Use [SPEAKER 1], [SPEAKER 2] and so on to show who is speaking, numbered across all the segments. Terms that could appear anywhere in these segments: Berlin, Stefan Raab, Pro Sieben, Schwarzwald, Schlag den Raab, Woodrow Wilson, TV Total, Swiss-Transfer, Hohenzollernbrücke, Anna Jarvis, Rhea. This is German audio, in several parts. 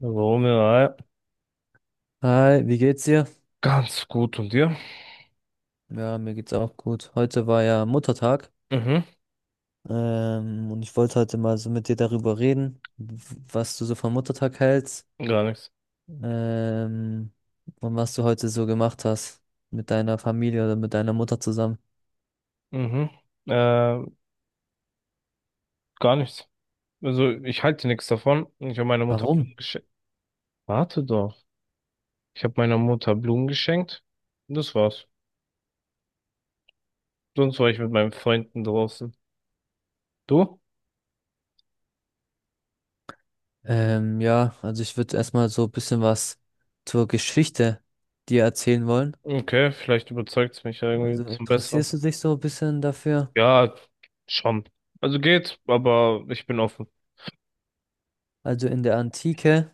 [SPEAKER 1] Romeo, ja.
[SPEAKER 2] Hi, wie geht's dir?
[SPEAKER 1] Ganz gut. Und dir?
[SPEAKER 2] Ja, mir geht's auch gut. Heute war ja Muttertag,
[SPEAKER 1] Mhm.
[SPEAKER 2] und ich wollte heute mal so mit dir darüber reden, was du so vom Muttertag hältst,
[SPEAKER 1] Gar nichts.
[SPEAKER 2] ähm, und was du heute so gemacht hast mit deiner Familie oder mit deiner Mutter zusammen.
[SPEAKER 1] Mhm. Äh, Gar nichts. Also ich halte nichts davon. Ich habe meiner Mutter Blumen
[SPEAKER 2] Warum?
[SPEAKER 1] geschenkt. Warte doch. Ich habe meiner Mutter Blumen geschenkt. Und das war's. Sonst war ich mit meinen Freunden draußen. Du?
[SPEAKER 2] Ja, also ich würde erstmal so ein bisschen was zur Geschichte dir erzählen wollen.
[SPEAKER 1] Okay, vielleicht überzeugt's mich ja
[SPEAKER 2] Also
[SPEAKER 1] irgendwie zum Besseren.
[SPEAKER 2] interessierst du dich so ein bisschen dafür?
[SPEAKER 1] Ja, schon. Also geht, aber ich bin offen.
[SPEAKER 2] Also in der Antike,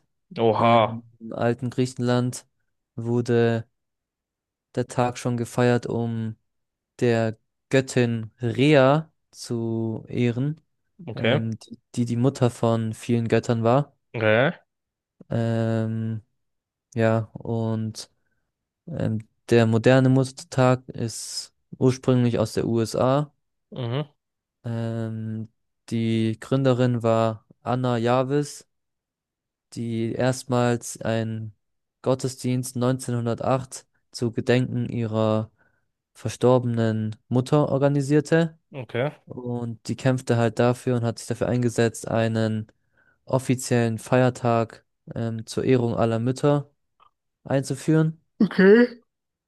[SPEAKER 1] Oha.
[SPEAKER 2] im alten Griechenland wurde der Tag schon gefeiert, um der Göttin Rhea zu ehren,
[SPEAKER 1] Okay.
[SPEAKER 2] die die Mutter von vielen Göttern war.
[SPEAKER 1] Okay.
[SPEAKER 2] Ähm, ja, und ähm, der moderne Muttertag ist ursprünglich aus der USA.
[SPEAKER 1] Mhm.
[SPEAKER 2] Ähm, die Gründerin war Anna Jarvis, die erstmals einen Gottesdienst 1908 zu Gedenken ihrer verstorbenen Mutter organisierte.
[SPEAKER 1] Okay.
[SPEAKER 2] Und die kämpfte halt dafür und hat sich dafür eingesetzt, einen offiziellen Feiertag zur Ehrung aller Mütter einzuführen.
[SPEAKER 1] Okay.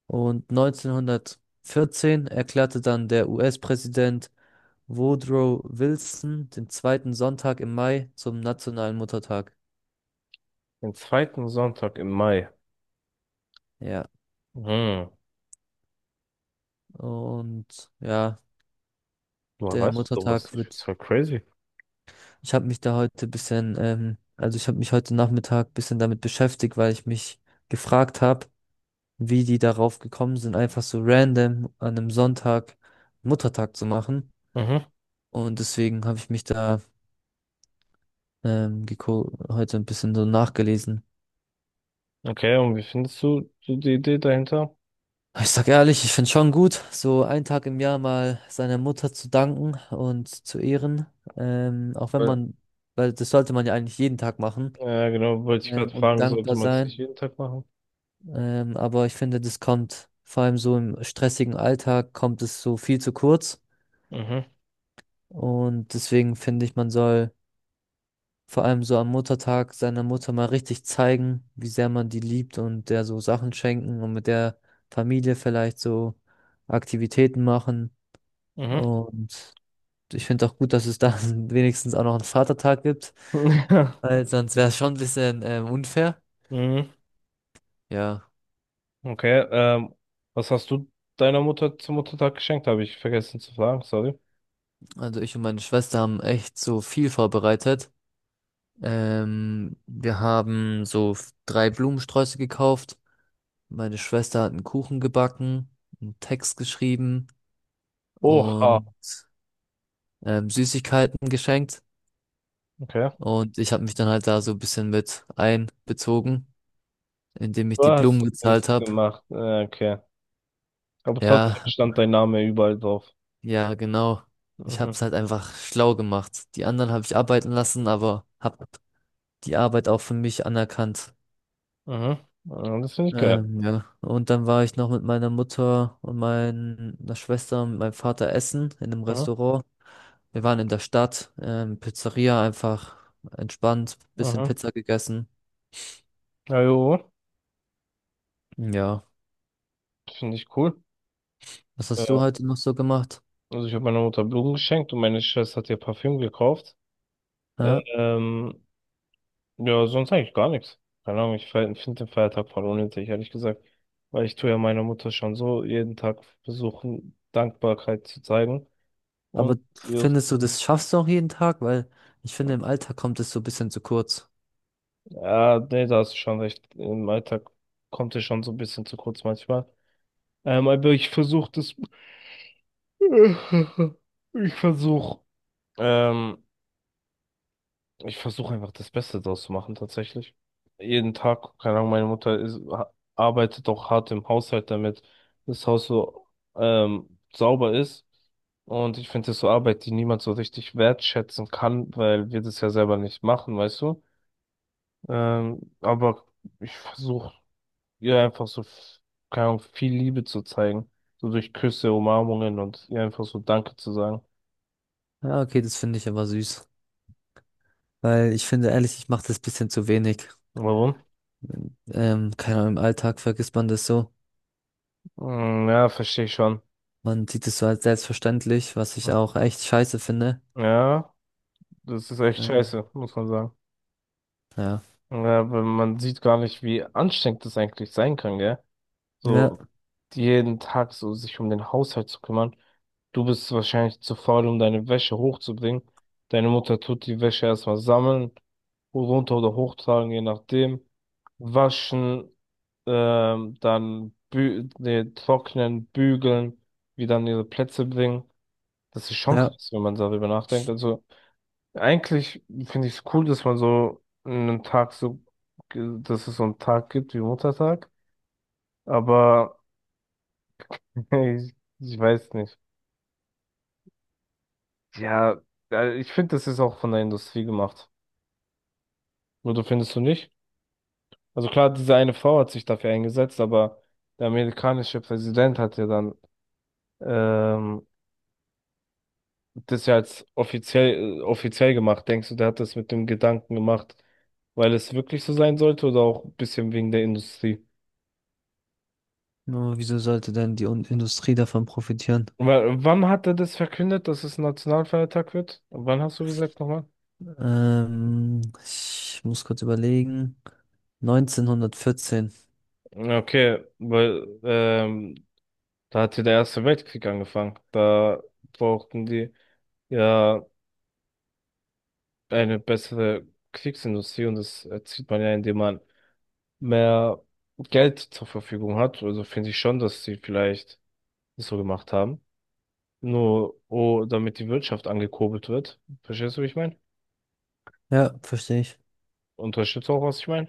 [SPEAKER 2] Und 1914 erklärte dann der US-Präsident Woodrow Wilson den zweiten Sonntag im Mai zum nationalen Muttertag.
[SPEAKER 1] Den zweiten Sonntag im Mai.
[SPEAKER 2] Ja,
[SPEAKER 1] Mhm.
[SPEAKER 2] und ja,
[SPEAKER 1] Woher
[SPEAKER 2] der
[SPEAKER 1] weißt du sowas?
[SPEAKER 2] Muttertag
[SPEAKER 1] Ich find's
[SPEAKER 2] wird,
[SPEAKER 1] voll crazy.
[SPEAKER 2] ich habe mich da heute ein bisschen, also ich habe mich heute Nachmittag ein bisschen damit beschäftigt, weil ich mich gefragt habe, wie die darauf gekommen sind, einfach so random an einem Sonntag Muttertag zu machen.
[SPEAKER 1] Mhm.
[SPEAKER 2] Und deswegen habe ich mich da heute ein bisschen so nachgelesen.
[SPEAKER 1] Okay, und wie findest du so die Idee dahinter?
[SPEAKER 2] Ich sag ehrlich, ich finde schon gut, so einen Tag im Jahr mal seiner Mutter zu danken und zu ehren. Auch wenn
[SPEAKER 1] Weil
[SPEAKER 2] man, weil das sollte man ja eigentlich jeden Tag machen
[SPEAKER 1] ja, genau, wollte ich gerade
[SPEAKER 2] und
[SPEAKER 1] fragen, sollte
[SPEAKER 2] dankbar
[SPEAKER 1] man es nicht
[SPEAKER 2] sein.
[SPEAKER 1] jeden Tag machen?
[SPEAKER 2] Aber ich finde, das kommt vor allem so im stressigen Alltag, kommt es so viel zu kurz.
[SPEAKER 1] Mhm.
[SPEAKER 2] Und deswegen finde ich, man soll vor allem so am Muttertag seiner Mutter mal richtig zeigen, wie sehr man die liebt und der so Sachen schenken und mit der Familie vielleicht so Aktivitäten machen.
[SPEAKER 1] Mhm.
[SPEAKER 2] Und ich finde auch gut, dass es da wenigstens auch noch einen Vatertag gibt, weil sonst wäre es schon ein bisschen unfair.
[SPEAKER 1] Mhm.
[SPEAKER 2] Ja,
[SPEAKER 1] Okay, was hast du deiner Mutter zum Muttertag geschenkt? Habe ich vergessen zu fragen, sorry.
[SPEAKER 2] also ich und meine Schwester haben echt so viel vorbereitet. Wir haben so drei Blumensträuße gekauft. Meine Schwester hat einen Kuchen gebacken, einen Text geschrieben.
[SPEAKER 1] Oha,
[SPEAKER 2] Und Süßigkeiten geschenkt.
[SPEAKER 1] okay.
[SPEAKER 2] Und ich habe mich dann halt da so ein bisschen mit einbezogen, indem ich
[SPEAKER 1] Du
[SPEAKER 2] die Blumen
[SPEAKER 1] hast nichts
[SPEAKER 2] gezahlt habe.
[SPEAKER 1] gemacht, okay. Aber trotzdem
[SPEAKER 2] Ja,
[SPEAKER 1] stand dein Name überall drauf.
[SPEAKER 2] ja, genau. Ich habe
[SPEAKER 1] Mhm.
[SPEAKER 2] es halt einfach schlau gemacht. Die anderen habe ich arbeiten lassen, aber habe die Arbeit auch für mich anerkannt.
[SPEAKER 1] Mhm. Ja, das finde ich geil.
[SPEAKER 2] Ja. Und dann war ich noch mit meiner Mutter und meiner Schwester und meinem Vater essen in einem
[SPEAKER 1] Mhm.
[SPEAKER 2] Restaurant. Wir waren in der Stadt, Pizzeria einfach entspannt, bisschen
[SPEAKER 1] Mhm.
[SPEAKER 2] Pizza gegessen.
[SPEAKER 1] Ja, jo,
[SPEAKER 2] Ja.
[SPEAKER 1] finde ich cool.
[SPEAKER 2] Was hast du
[SPEAKER 1] Äh,
[SPEAKER 2] heute noch so gemacht?
[SPEAKER 1] Also ich habe meiner Mutter Blumen geschenkt und meine Schwester hat ihr Parfüm gekauft.
[SPEAKER 2] Ja,
[SPEAKER 1] Ähm, ja, sonst eigentlich gar nichts. Keine Ahnung, ich finde den Feiertag voll unnötig, ehrlich gesagt. Weil ich tue ja meiner Mutter schon so jeden Tag versuchen, Dankbarkeit zu zeigen. Und
[SPEAKER 2] aber
[SPEAKER 1] ihr-
[SPEAKER 2] findest du, das schaffst du auch jeden Tag? Weil ich finde, im Alltag kommt es so ein bisschen zu kurz.
[SPEAKER 1] ja, nee, da hast du schon recht. Im Alltag kommt es schon so ein bisschen zu kurz manchmal. Aber ich versuche das. Ich versuche. Ähm, Ich versuche einfach das Beste draus zu machen, tatsächlich. Jeden Tag, keine Ahnung, meine Mutter ist, arbeitet auch hart im Haushalt, damit das Haus so sauber ist. Und ich finde das so Arbeit, die niemand so richtig wertschätzen kann, weil wir das ja selber nicht machen, weißt du? Aber ich versuche ihr einfach so, keine Ahnung, viel Liebe zu zeigen. So durch Küsse, Umarmungen und ihr einfach so Danke zu sagen.
[SPEAKER 2] Ja, okay, das finde ich aber süß. Weil ich finde, ehrlich, ich mache das ein bisschen zu wenig.
[SPEAKER 1] Warum?
[SPEAKER 2] Keine Ahnung, im Alltag vergisst man das so.
[SPEAKER 1] Hm, ja, verstehe ich schon.
[SPEAKER 2] Man sieht es so als selbstverständlich, was ich auch echt scheiße finde.
[SPEAKER 1] Ja. Das ist echt
[SPEAKER 2] Ähm,
[SPEAKER 1] scheiße, muss man sagen.
[SPEAKER 2] ja.
[SPEAKER 1] Ja, weil man sieht gar nicht, wie anstrengend das eigentlich sein kann, gell?
[SPEAKER 2] Ja,
[SPEAKER 1] So jeden Tag so sich um den Haushalt zu kümmern. Du bist wahrscheinlich zu faul, um deine Wäsche hochzubringen. Deine Mutter tut die Wäsche erstmal sammeln, runter oder hochtragen, je nachdem. Waschen, trocknen, bügeln, wieder an ihre Plätze bringen. Das ist schon
[SPEAKER 2] ja.
[SPEAKER 1] krass, wenn man darüber nachdenkt. Also eigentlich finde ich es cool, dass man so einen Tag so, dass es so einen Tag gibt wie Muttertag, aber ich, ich weiß nicht. Ja, ich finde, das ist auch von der Industrie gemacht. Oder findest du nicht? Also klar, diese eine Frau hat sich dafür eingesetzt, aber der amerikanische Präsident hat ja dann ähm, das ja als offiziell, offiziell gemacht. Denkst du, der hat das mit dem Gedanken gemacht, weil es wirklich so sein sollte oder auch ein bisschen wegen der Industrie?
[SPEAKER 2] Nur wieso sollte denn die Industrie davon profitieren?
[SPEAKER 1] Wann hat er das verkündet, dass es ein Nationalfeiertag wird? Wann hast du gesagt nochmal?
[SPEAKER 2] Ich muss kurz überlegen. 1914.
[SPEAKER 1] Okay, weil da hat ja der Erste Weltkrieg angefangen. Da brauchten die ja eine bessere Kriegsindustrie und das erzielt man ja, indem man mehr Geld zur Verfügung hat. Also finde ich schon, dass sie vielleicht das so gemacht haben. Nur, oh, damit die Wirtschaft angekurbelt wird. Verstehst du, wie ich meine?
[SPEAKER 2] Ja, verstehe ich.
[SPEAKER 1] Unterstützt auch, was ich meine?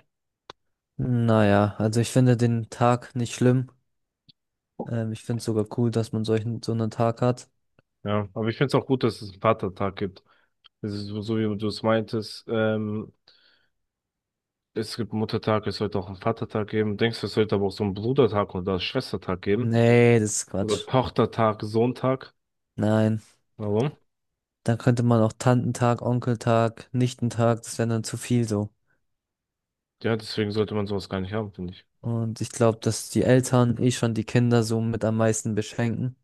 [SPEAKER 2] Naja, also ich finde den Tag nicht schlimm. Ich finde es sogar cool, dass man solchen, so einen Tag hat.
[SPEAKER 1] Ja, aber ich finde es auch gut, dass es einen Vatertag gibt. Es ist so, so wie du es meintest, es gibt Muttertag, es sollte auch einen Vatertag geben. Denkst du, es sollte aber auch so einen Brudertag oder Schwestertag geben?
[SPEAKER 2] Nee, das ist
[SPEAKER 1] Oder
[SPEAKER 2] Quatsch.
[SPEAKER 1] Tochtertag, Sohntag?
[SPEAKER 2] Nein.
[SPEAKER 1] Warum?
[SPEAKER 2] Dann könnte man auch Tantentag, Onkeltag, Nichtentag, das wäre dann zu viel so.
[SPEAKER 1] Ja, deswegen sollte man sowas gar nicht haben, finde ich.
[SPEAKER 2] Und ich glaube, dass die Eltern eh schon die Kinder so mit am meisten beschenken.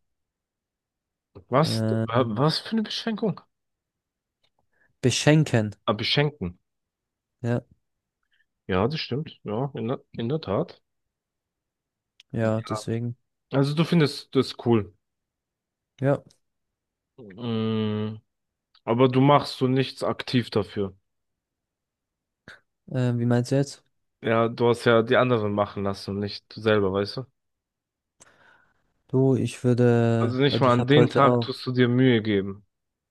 [SPEAKER 1] Was?
[SPEAKER 2] Ähm,
[SPEAKER 1] Was für eine Beschränkung?
[SPEAKER 2] beschenken.
[SPEAKER 1] Ah, beschenken.
[SPEAKER 2] Ja,
[SPEAKER 1] Ja, das stimmt. Ja, in der Tat. Ja.
[SPEAKER 2] ja, deswegen.
[SPEAKER 1] Also du findest das cool.
[SPEAKER 2] Ja.
[SPEAKER 1] Mhm. Aber du machst so nichts aktiv dafür.
[SPEAKER 2] Wie meinst du jetzt?
[SPEAKER 1] Ja, du hast ja die anderen machen lassen und nicht du selber, weißt du?
[SPEAKER 2] Du, ich
[SPEAKER 1] Also
[SPEAKER 2] würde,
[SPEAKER 1] nicht
[SPEAKER 2] also
[SPEAKER 1] mal
[SPEAKER 2] ich
[SPEAKER 1] an
[SPEAKER 2] habe
[SPEAKER 1] den
[SPEAKER 2] heute
[SPEAKER 1] Tag
[SPEAKER 2] auch,
[SPEAKER 1] tust du dir Mühe geben.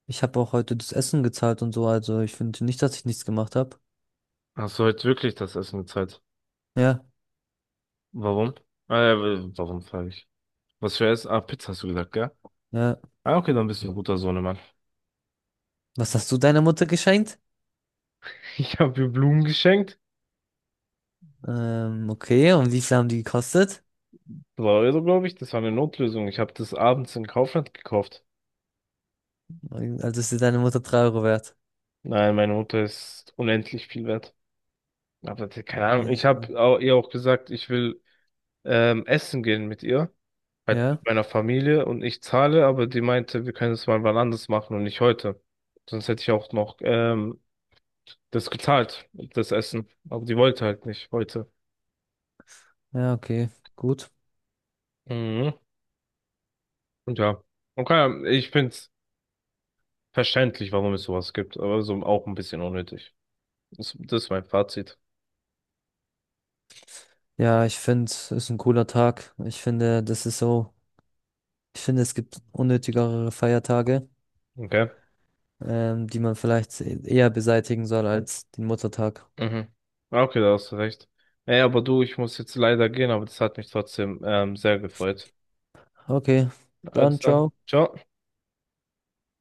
[SPEAKER 2] ich habe auch heute das Essen gezahlt und so, also ich finde nicht, dass ich nichts gemacht habe.
[SPEAKER 1] Hast du heute wirklich das Essen bezahlt?
[SPEAKER 2] Ja.
[SPEAKER 1] Warum? Äh, warum frage ich? Was für Essen? Ah, Pizza hast du gesagt, gell?
[SPEAKER 2] Ja.
[SPEAKER 1] Ah, okay, dann bist du ein guter Sohnemann.
[SPEAKER 2] Was hast du deiner Mutter geschenkt?
[SPEAKER 1] Ich habe mir Blumen geschenkt.
[SPEAKER 2] Okay, und wie viel haben die gekostet?
[SPEAKER 1] 2 Euro, glaube ich. Das war eine Notlösung. Ich habe das abends in Kaufland gekauft.
[SPEAKER 2] Also ist dir deine Mutter 3 Euro wert.
[SPEAKER 1] Nein, meine Mutter ist unendlich viel wert. Aber
[SPEAKER 2] Ja,
[SPEAKER 1] keine Ahnung. Ich
[SPEAKER 2] ist
[SPEAKER 1] habe ihr auch gesagt, ich will essen gehen mit ihr. Halt mit
[SPEAKER 2] ja,
[SPEAKER 1] meiner Familie und ich zahle, aber die meinte, wir können es mal wann anders machen und nicht heute. Sonst hätte ich auch noch das gezahlt, das Essen. Aber die wollte halt nicht heute.
[SPEAKER 2] ja, okay, gut.
[SPEAKER 1] Mhm. Und ja. Okay, ich find's verständlich, warum es sowas gibt, aber so auch ein bisschen unnötig. Das ist mein Fazit.
[SPEAKER 2] Ja, ich finde, es ist ein cooler Tag. Ich finde, das ist so, ich finde, es gibt unnötigere Feiertage,
[SPEAKER 1] Okay.
[SPEAKER 2] die man vielleicht eher beseitigen soll als den Muttertag.
[SPEAKER 1] Mhm. Ah, okay, da hast du recht. Ey, aber du, ich muss jetzt leider gehen, aber das hat mich trotzdem sehr gefreut.
[SPEAKER 2] Okay, dann
[SPEAKER 1] Also dann,
[SPEAKER 2] ciao.
[SPEAKER 1] ciao.